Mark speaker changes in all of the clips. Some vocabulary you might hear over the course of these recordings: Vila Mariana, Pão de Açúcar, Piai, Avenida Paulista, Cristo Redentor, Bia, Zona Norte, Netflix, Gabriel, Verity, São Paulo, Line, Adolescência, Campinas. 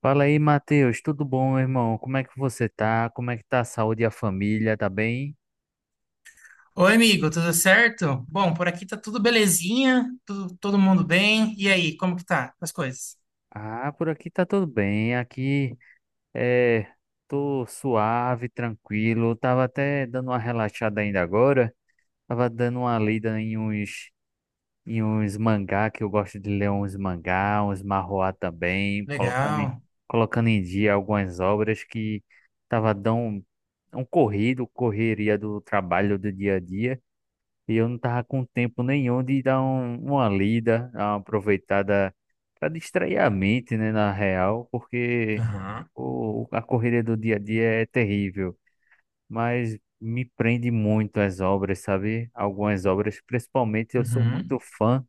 Speaker 1: Fala aí, Matheus. Tudo bom, meu irmão? Como é que você tá? Como é que tá a saúde e a família? Tá bem?
Speaker 2: Oi, amigo, tudo certo? Bom, por aqui tá tudo belezinha, todo mundo bem. E aí, como que tá as coisas?
Speaker 1: Ah, por aqui tá tudo bem. Aqui é, tô suave, tranquilo. Tava até dando uma relaxada ainda agora. Tava dando uma lida em uns mangá, que eu gosto de ler uns mangá, uns manhwa também,
Speaker 2: Legal.
Speaker 1: colocando em dia algumas obras que tava dando um corrido, correria do trabalho do dia a dia. E eu não tava com tempo nenhum de dar uma lida, dar uma aproveitada para distrair a mente, né, na real, porque
Speaker 2: Aham.
Speaker 1: a correria do dia a dia é terrível, mas me prende muito as obras, sabe? Algumas obras, principalmente eu sou muito
Speaker 2: Uhum.
Speaker 1: fã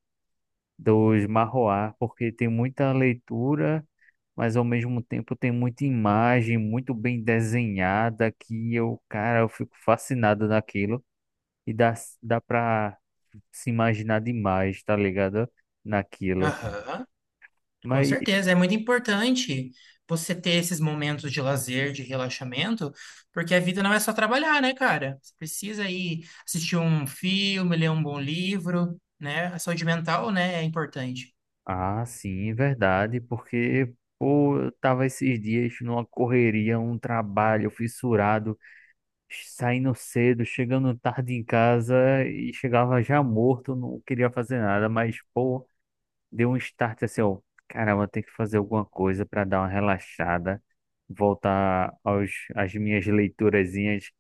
Speaker 1: dos marroá, porque tem muita leitura, mas ao mesmo tempo tem muita imagem muito bem desenhada que eu, cara, eu fico fascinado naquilo. E dá pra se imaginar demais, tá ligado? Naquilo.
Speaker 2: Aham. Com
Speaker 1: Mas,
Speaker 2: certeza, é muito importante você ter esses momentos de lazer, de relaxamento, porque a vida não é só trabalhar, né, cara? Você precisa ir assistir um filme, ler um bom livro, né? A saúde mental, né, é importante.
Speaker 1: sim, verdade, porque, pô, eu tava esses dias numa correria, um trabalho fissurado, saindo cedo, chegando tarde em casa e chegava já morto, não queria fazer nada, mas, pô, deu um start assim, ó, caramba, tem que fazer alguma coisa pra dar uma relaxada, voltar aos, às minhas leiturazinhas.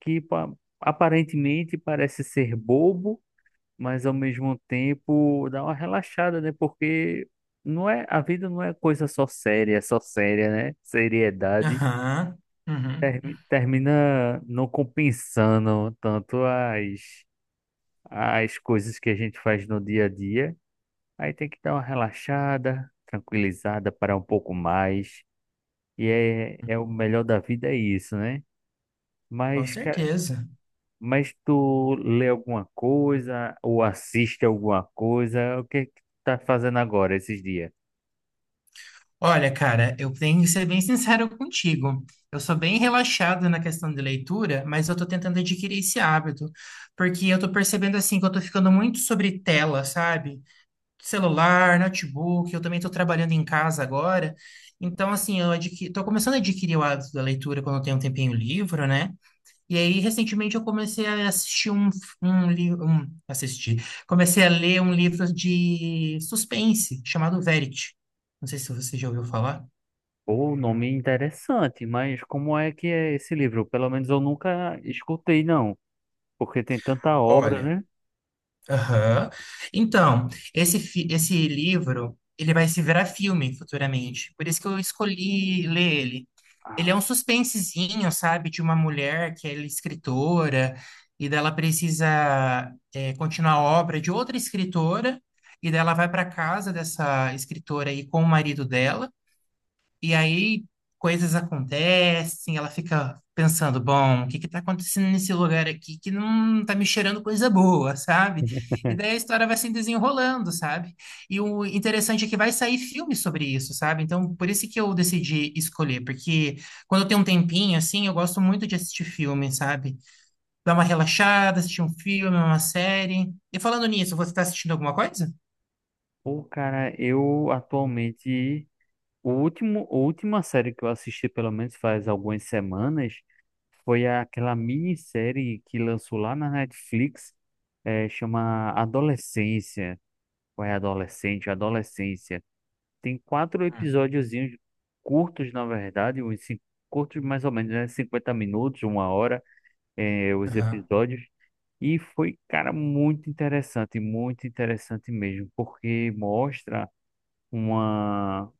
Speaker 1: que pa- Aparentemente parece ser bobo, mas ao mesmo tempo dá uma relaxada, né? Porque não é, a vida não é coisa só séria, é só séria, né? Seriedade
Speaker 2: Aham. Uhum.
Speaker 1: termina não compensando tanto as coisas que a gente faz no dia a dia. Aí tem que dar uma relaxada, tranquilizada, parar um pouco mais. E é o melhor da vida é isso, né?
Speaker 2: Com
Speaker 1: Mas, cara,
Speaker 2: certeza.
Speaker 1: mas tu lê alguma coisa ou assiste alguma coisa? O que é que tu tá fazendo agora esses dias?
Speaker 2: Olha, cara, eu tenho que ser bem sincero contigo. Eu sou bem relaxado na questão de leitura, mas eu tô tentando adquirir esse hábito, porque eu tô percebendo assim que eu tô ficando muito sobre tela, sabe? Celular, notebook, eu também tô trabalhando em casa agora. Então, assim, tô começando a adquirir o hábito da leitura quando eu tenho um tempinho livre, né? E aí, recentemente, eu comecei a assistir um livro. Um... Assistir. Comecei a ler um livro de suspense chamado Verity. Não sei se você já ouviu falar.
Speaker 1: O nome é interessante, mas como é que é esse livro? Pelo menos eu nunca escutei, não, porque tem tanta obra,
Speaker 2: Olha,
Speaker 1: né?
Speaker 2: aham. Então, esse livro, ele vai se virar filme futuramente. Por isso que eu escolhi ler ele. Ele é
Speaker 1: Ah,
Speaker 2: um suspensezinho, sabe, de uma mulher que é escritora e dela precisa, é, continuar a obra de outra escritora e dela vai para casa dessa escritora aí com o marido dela. E aí coisas acontecem, ela fica pensando, bom, o que que tá acontecendo nesse lugar aqui que não tá me cheirando coisa boa, sabe? E daí a história vai se desenrolando, sabe? E o interessante é que vai sair filme sobre isso, sabe? Então, por isso que eu decidi escolher, porque quando eu tenho um tempinho assim, eu gosto muito de assistir filme, sabe? Dar uma relaxada, assistir um filme, uma série. E falando nisso, você tá assistindo alguma coisa?
Speaker 1: pô, cara, eu atualmente a última série que eu assisti, pelo menos faz algumas semanas, foi aquela minissérie que lançou lá na Netflix, é chama Adolescência. Foi adolescente, adolescência. Tem quatro episódiozinhos curtos, na verdade, curtos mais ou menos, né? 50 minutos, uma hora, os
Speaker 2: Aham.
Speaker 1: episódios. E foi, cara, muito interessante mesmo, porque mostra uma,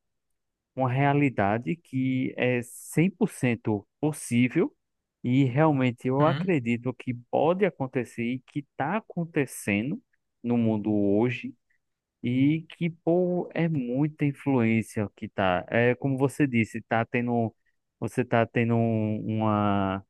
Speaker 1: uma realidade que é 100% possível e realmente eu
Speaker 2: Uhum.
Speaker 1: acredito que pode acontecer e que está acontecendo no mundo hoje e que, pô, é muita influência que tá. É como você disse, você tá tendo um- uma,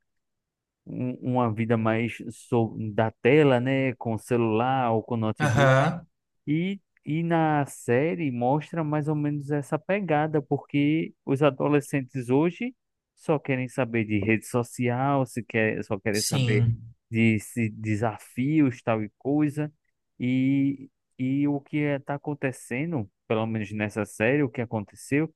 Speaker 1: um- uma vida mais da tela, né? Com celular ou com notebook.
Speaker 2: Aham.
Speaker 1: E na série mostra mais ou menos essa pegada, porque os adolescentes hoje só querem saber de rede social, se quer, só querem saber
Speaker 2: Sim.
Speaker 1: de, se- desafios, tal e coisa. E, e o que está acontecendo, pelo menos nessa série, o que aconteceu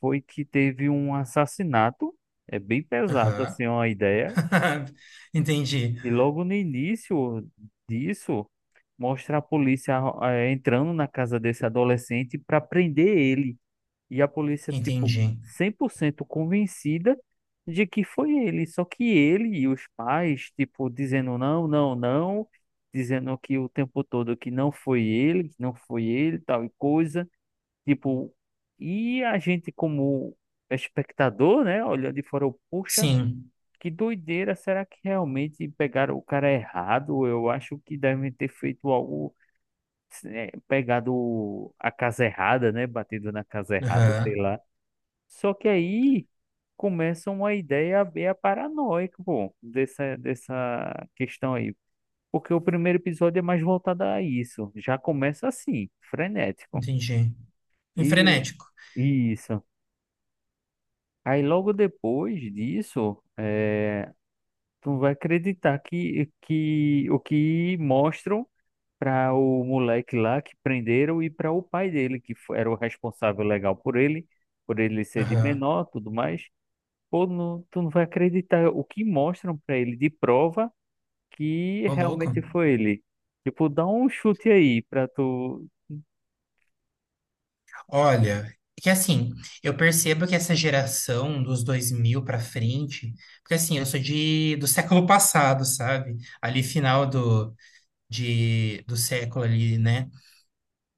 Speaker 1: foi que teve um assassinato. É bem pesado
Speaker 2: Aham.
Speaker 1: assim uma ideia.
Speaker 2: Entendi,
Speaker 1: E logo no início disso, mostra a polícia entrando na casa desse adolescente para prender ele. E a polícia, tipo,
Speaker 2: entendi.
Speaker 1: 100% convencida de que foi ele. Só que ele e os pais, tipo, dizendo não, não, não, dizendo que o tempo todo que não foi ele, que não foi ele, tal e coisa. Tipo, e a gente como espectador, né, olhando de fora, eu, poxa.
Speaker 2: Sim,
Speaker 1: Que doideira, será que realmente pegaram o cara errado? Eu acho que devem ter feito algo, pegado a casa errada, né? Batido na casa errada, sei
Speaker 2: aham,
Speaker 1: lá. Só que aí começa uma ideia meio paranoica, pô, dessa questão aí. Porque o primeiro episódio é mais voltado a isso. Já começa assim, frenético.
Speaker 2: entendi. E
Speaker 1: E
Speaker 2: frenético,
Speaker 1: isso. Aí logo depois disso, tu vai acreditar que, o que mostram para o moleque lá que prenderam e para o pai dele, que era o responsável legal por ele ser de
Speaker 2: aham.
Speaker 1: menor, tudo mais. Pô, não, tu não vai acreditar o que mostram para ele de prova que
Speaker 2: Ô louco.
Speaker 1: realmente foi ele. Tipo, dá um chute aí pra tu.
Speaker 2: Olha, que assim, eu percebo que essa geração dos 2000 pra frente, porque assim, eu sou do século passado, sabe? Ali final do, do século ali, né?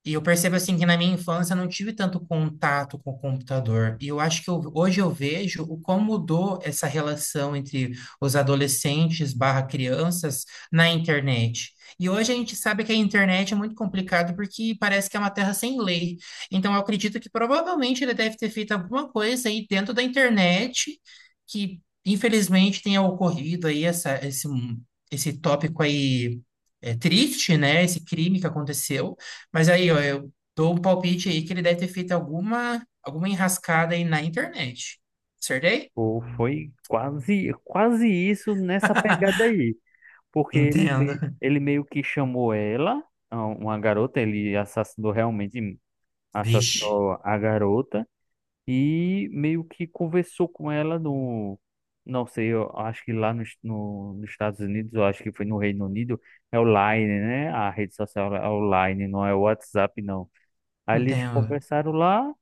Speaker 2: E eu percebo assim que na minha infância eu não tive tanto contato com o computador. E eu acho que hoje eu vejo o como mudou essa relação entre os adolescentes barra crianças na internet. E hoje a gente sabe que a internet é muito complicado porque parece que é uma terra sem lei. Então eu acredito que provavelmente ele deve ter feito alguma coisa aí dentro da internet que infelizmente tenha ocorrido aí esse tópico aí, é, triste, né? Esse crime que aconteceu. Mas aí, ó, eu dou um palpite aí que ele deve ter feito alguma enrascada aí na internet. Acertei?
Speaker 1: Pô, foi quase, quase isso nessa pegada aí. Porque ele,
Speaker 2: Entendo.
Speaker 1: me- ele meio que chamou ela a uma garota, ele assassinou realmente
Speaker 2: Vixe,
Speaker 1: assassinou a garota e meio que conversou com ela no. Não sei, eu acho que lá nos, no, nos Estados Unidos, eu acho que foi no Reino Unido, é o Line, né? A rede social é o Line, não é o WhatsApp, não. Aí eles
Speaker 2: entendo.
Speaker 1: conversaram lá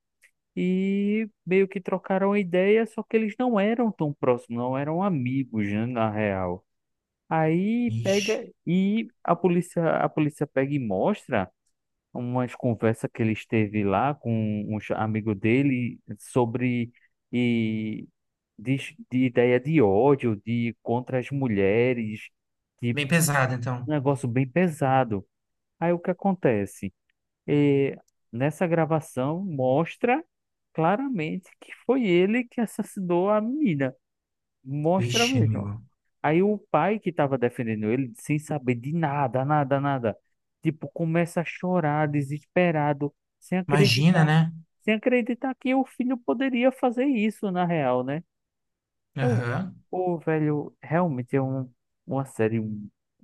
Speaker 1: e meio que trocaram a ideia, só que eles não eram tão próximos, não eram amigos, né, na real. Aí pega
Speaker 2: Vixe.
Speaker 1: e a polícia pega e mostra umas conversas que ele esteve lá com um amigo dele sobre e de, de ideia de ódio, de contra as mulheres, de
Speaker 2: Bem pesado, então.
Speaker 1: um negócio bem pesado. Aí o que acontece? É nessa gravação mostra claramente que foi ele que assassinou a menina. Mostra
Speaker 2: Vixe,
Speaker 1: mesmo.
Speaker 2: amigo.
Speaker 1: Aí o pai que estava defendendo ele, sem saber de nada, nada, nada, tipo, começa a chorar, desesperado, sem
Speaker 2: Imagina,
Speaker 1: acreditar,
Speaker 2: né?
Speaker 1: sem acreditar que o filho poderia fazer isso na real, né? Eu,
Speaker 2: Aham,
Speaker 1: o velho, realmente é uma série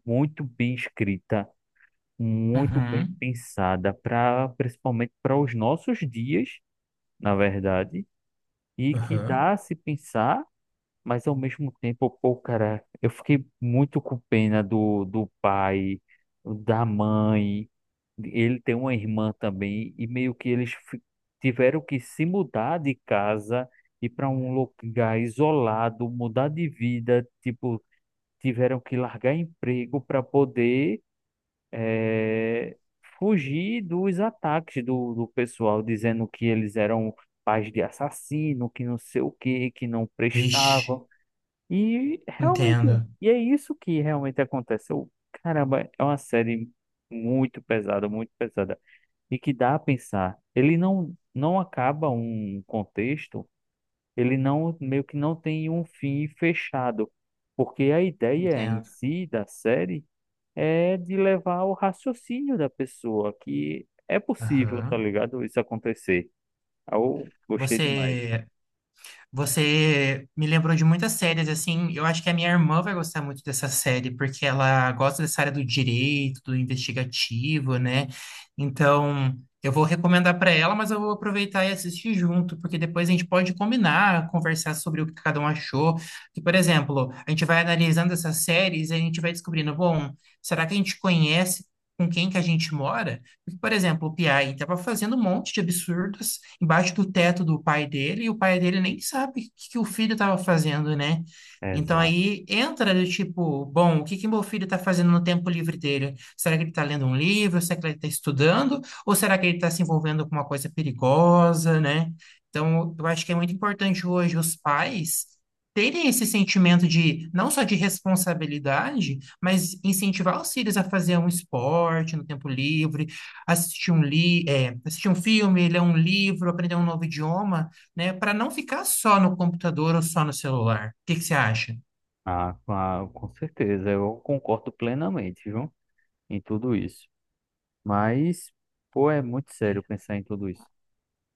Speaker 1: muito bem escrita, muito bem
Speaker 2: uhum,
Speaker 1: pensada, pra, principalmente para os nossos dias, na verdade, e que
Speaker 2: aham.
Speaker 1: dá a se pensar. Mas ao mesmo tempo, pô, cara, eu fiquei muito com pena do pai, da mãe. Ele tem uma irmã também, e meio que eles tiveram que se mudar de casa e para um lugar isolado, mudar de vida. Tipo, tiveram que largar emprego para poder eh, fugir dos ataques do pessoal, dizendo que eles eram pais de assassino, que não sei o que que não
Speaker 2: Vixe,
Speaker 1: prestavam. E realmente,
Speaker 2: entendo,
Speaker 1: e é isso que realmente acontece. Eu, caramba, é uma série muito pesada, e que dá a pensar. Ele não acaba um contexto, ele não meio que não tem um fim fechado, porque a ideia em
Speaker 2: entendo.
Speaker 1: si da série é de levar ao raciocínio da pessoa que é possível, tá
Speaker 2: Aham.
Speaker 1: ligado? Isso acontecer. Eu gostei demais.
Speaker 2: Você Você me lembrou de muitas séries, assim, eu acho que a minha irmã vai gostar muito dessa série, porque ela gosta dessa área do direito, do investigativo, né? Então, eu vou recomendar para ela, mas eu vou aproveitar e assistir junto, porque depois a gente pode combinar, conversar sobre o que cada um achou. Que, por exemplo, a gente vai analisando essas séries e a gente vai descobrindo, bom, será que a gente conhece com quem que a gente mora? Porque, por exemplo, o Piai estava fazendo um monte de absurdos embaixo do teto do pai dele, e o pai dele nem sabe o que, que o filho estava fazendo, né? Então
Speaker 1: Exato.
Speaker 2: aí entra do tipo, bom, o que que meu filho está fazendo no tempo livre dele? Será que ele está lendo um livro? Será que ele está estudando? Ou será que ele está se envolvendo com uma coisa perigosa, né? Então, eu acho que é muito importante hoje os pais terem esse sentimento de, não só de responsabilidade, mas incentivar os filhos a fazer um esporte no tempo livre, assistir um filme, ler um livro, aprender um novo idioma, né? Para não ficar só no computador ou só no celular. O que que você acha?
Speaker 1: Ah, com certeza, eu concordo plenamente, viu? Em tudo isso. Mas, pô, é muito sério
Speaker 2: Sim.
Speaker 1: pensar em tudo isso.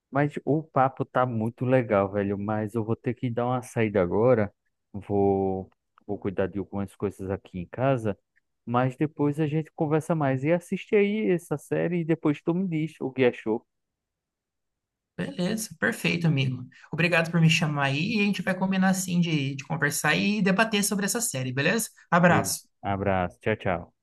Speaker 1: Mas o papo tá muito legal, velho. Mas eu vou ter que dar uma saída agora. Vou, vou cuidar de algumas coisas aqui em casa. Mas depois a gente conversa mais. E assiste aí essa série e depois tu me diz o que achou.
Speaker 2: Beleza, perfeito, amigo. Obrigado por me chamar aí e a gente vai combinar assim de conversar e debater sobre essa série, beleza?
Speaker 1: Beleza.
Speaker 2: Abraço.
Speaker 1: Abraço. Tchau, tchau.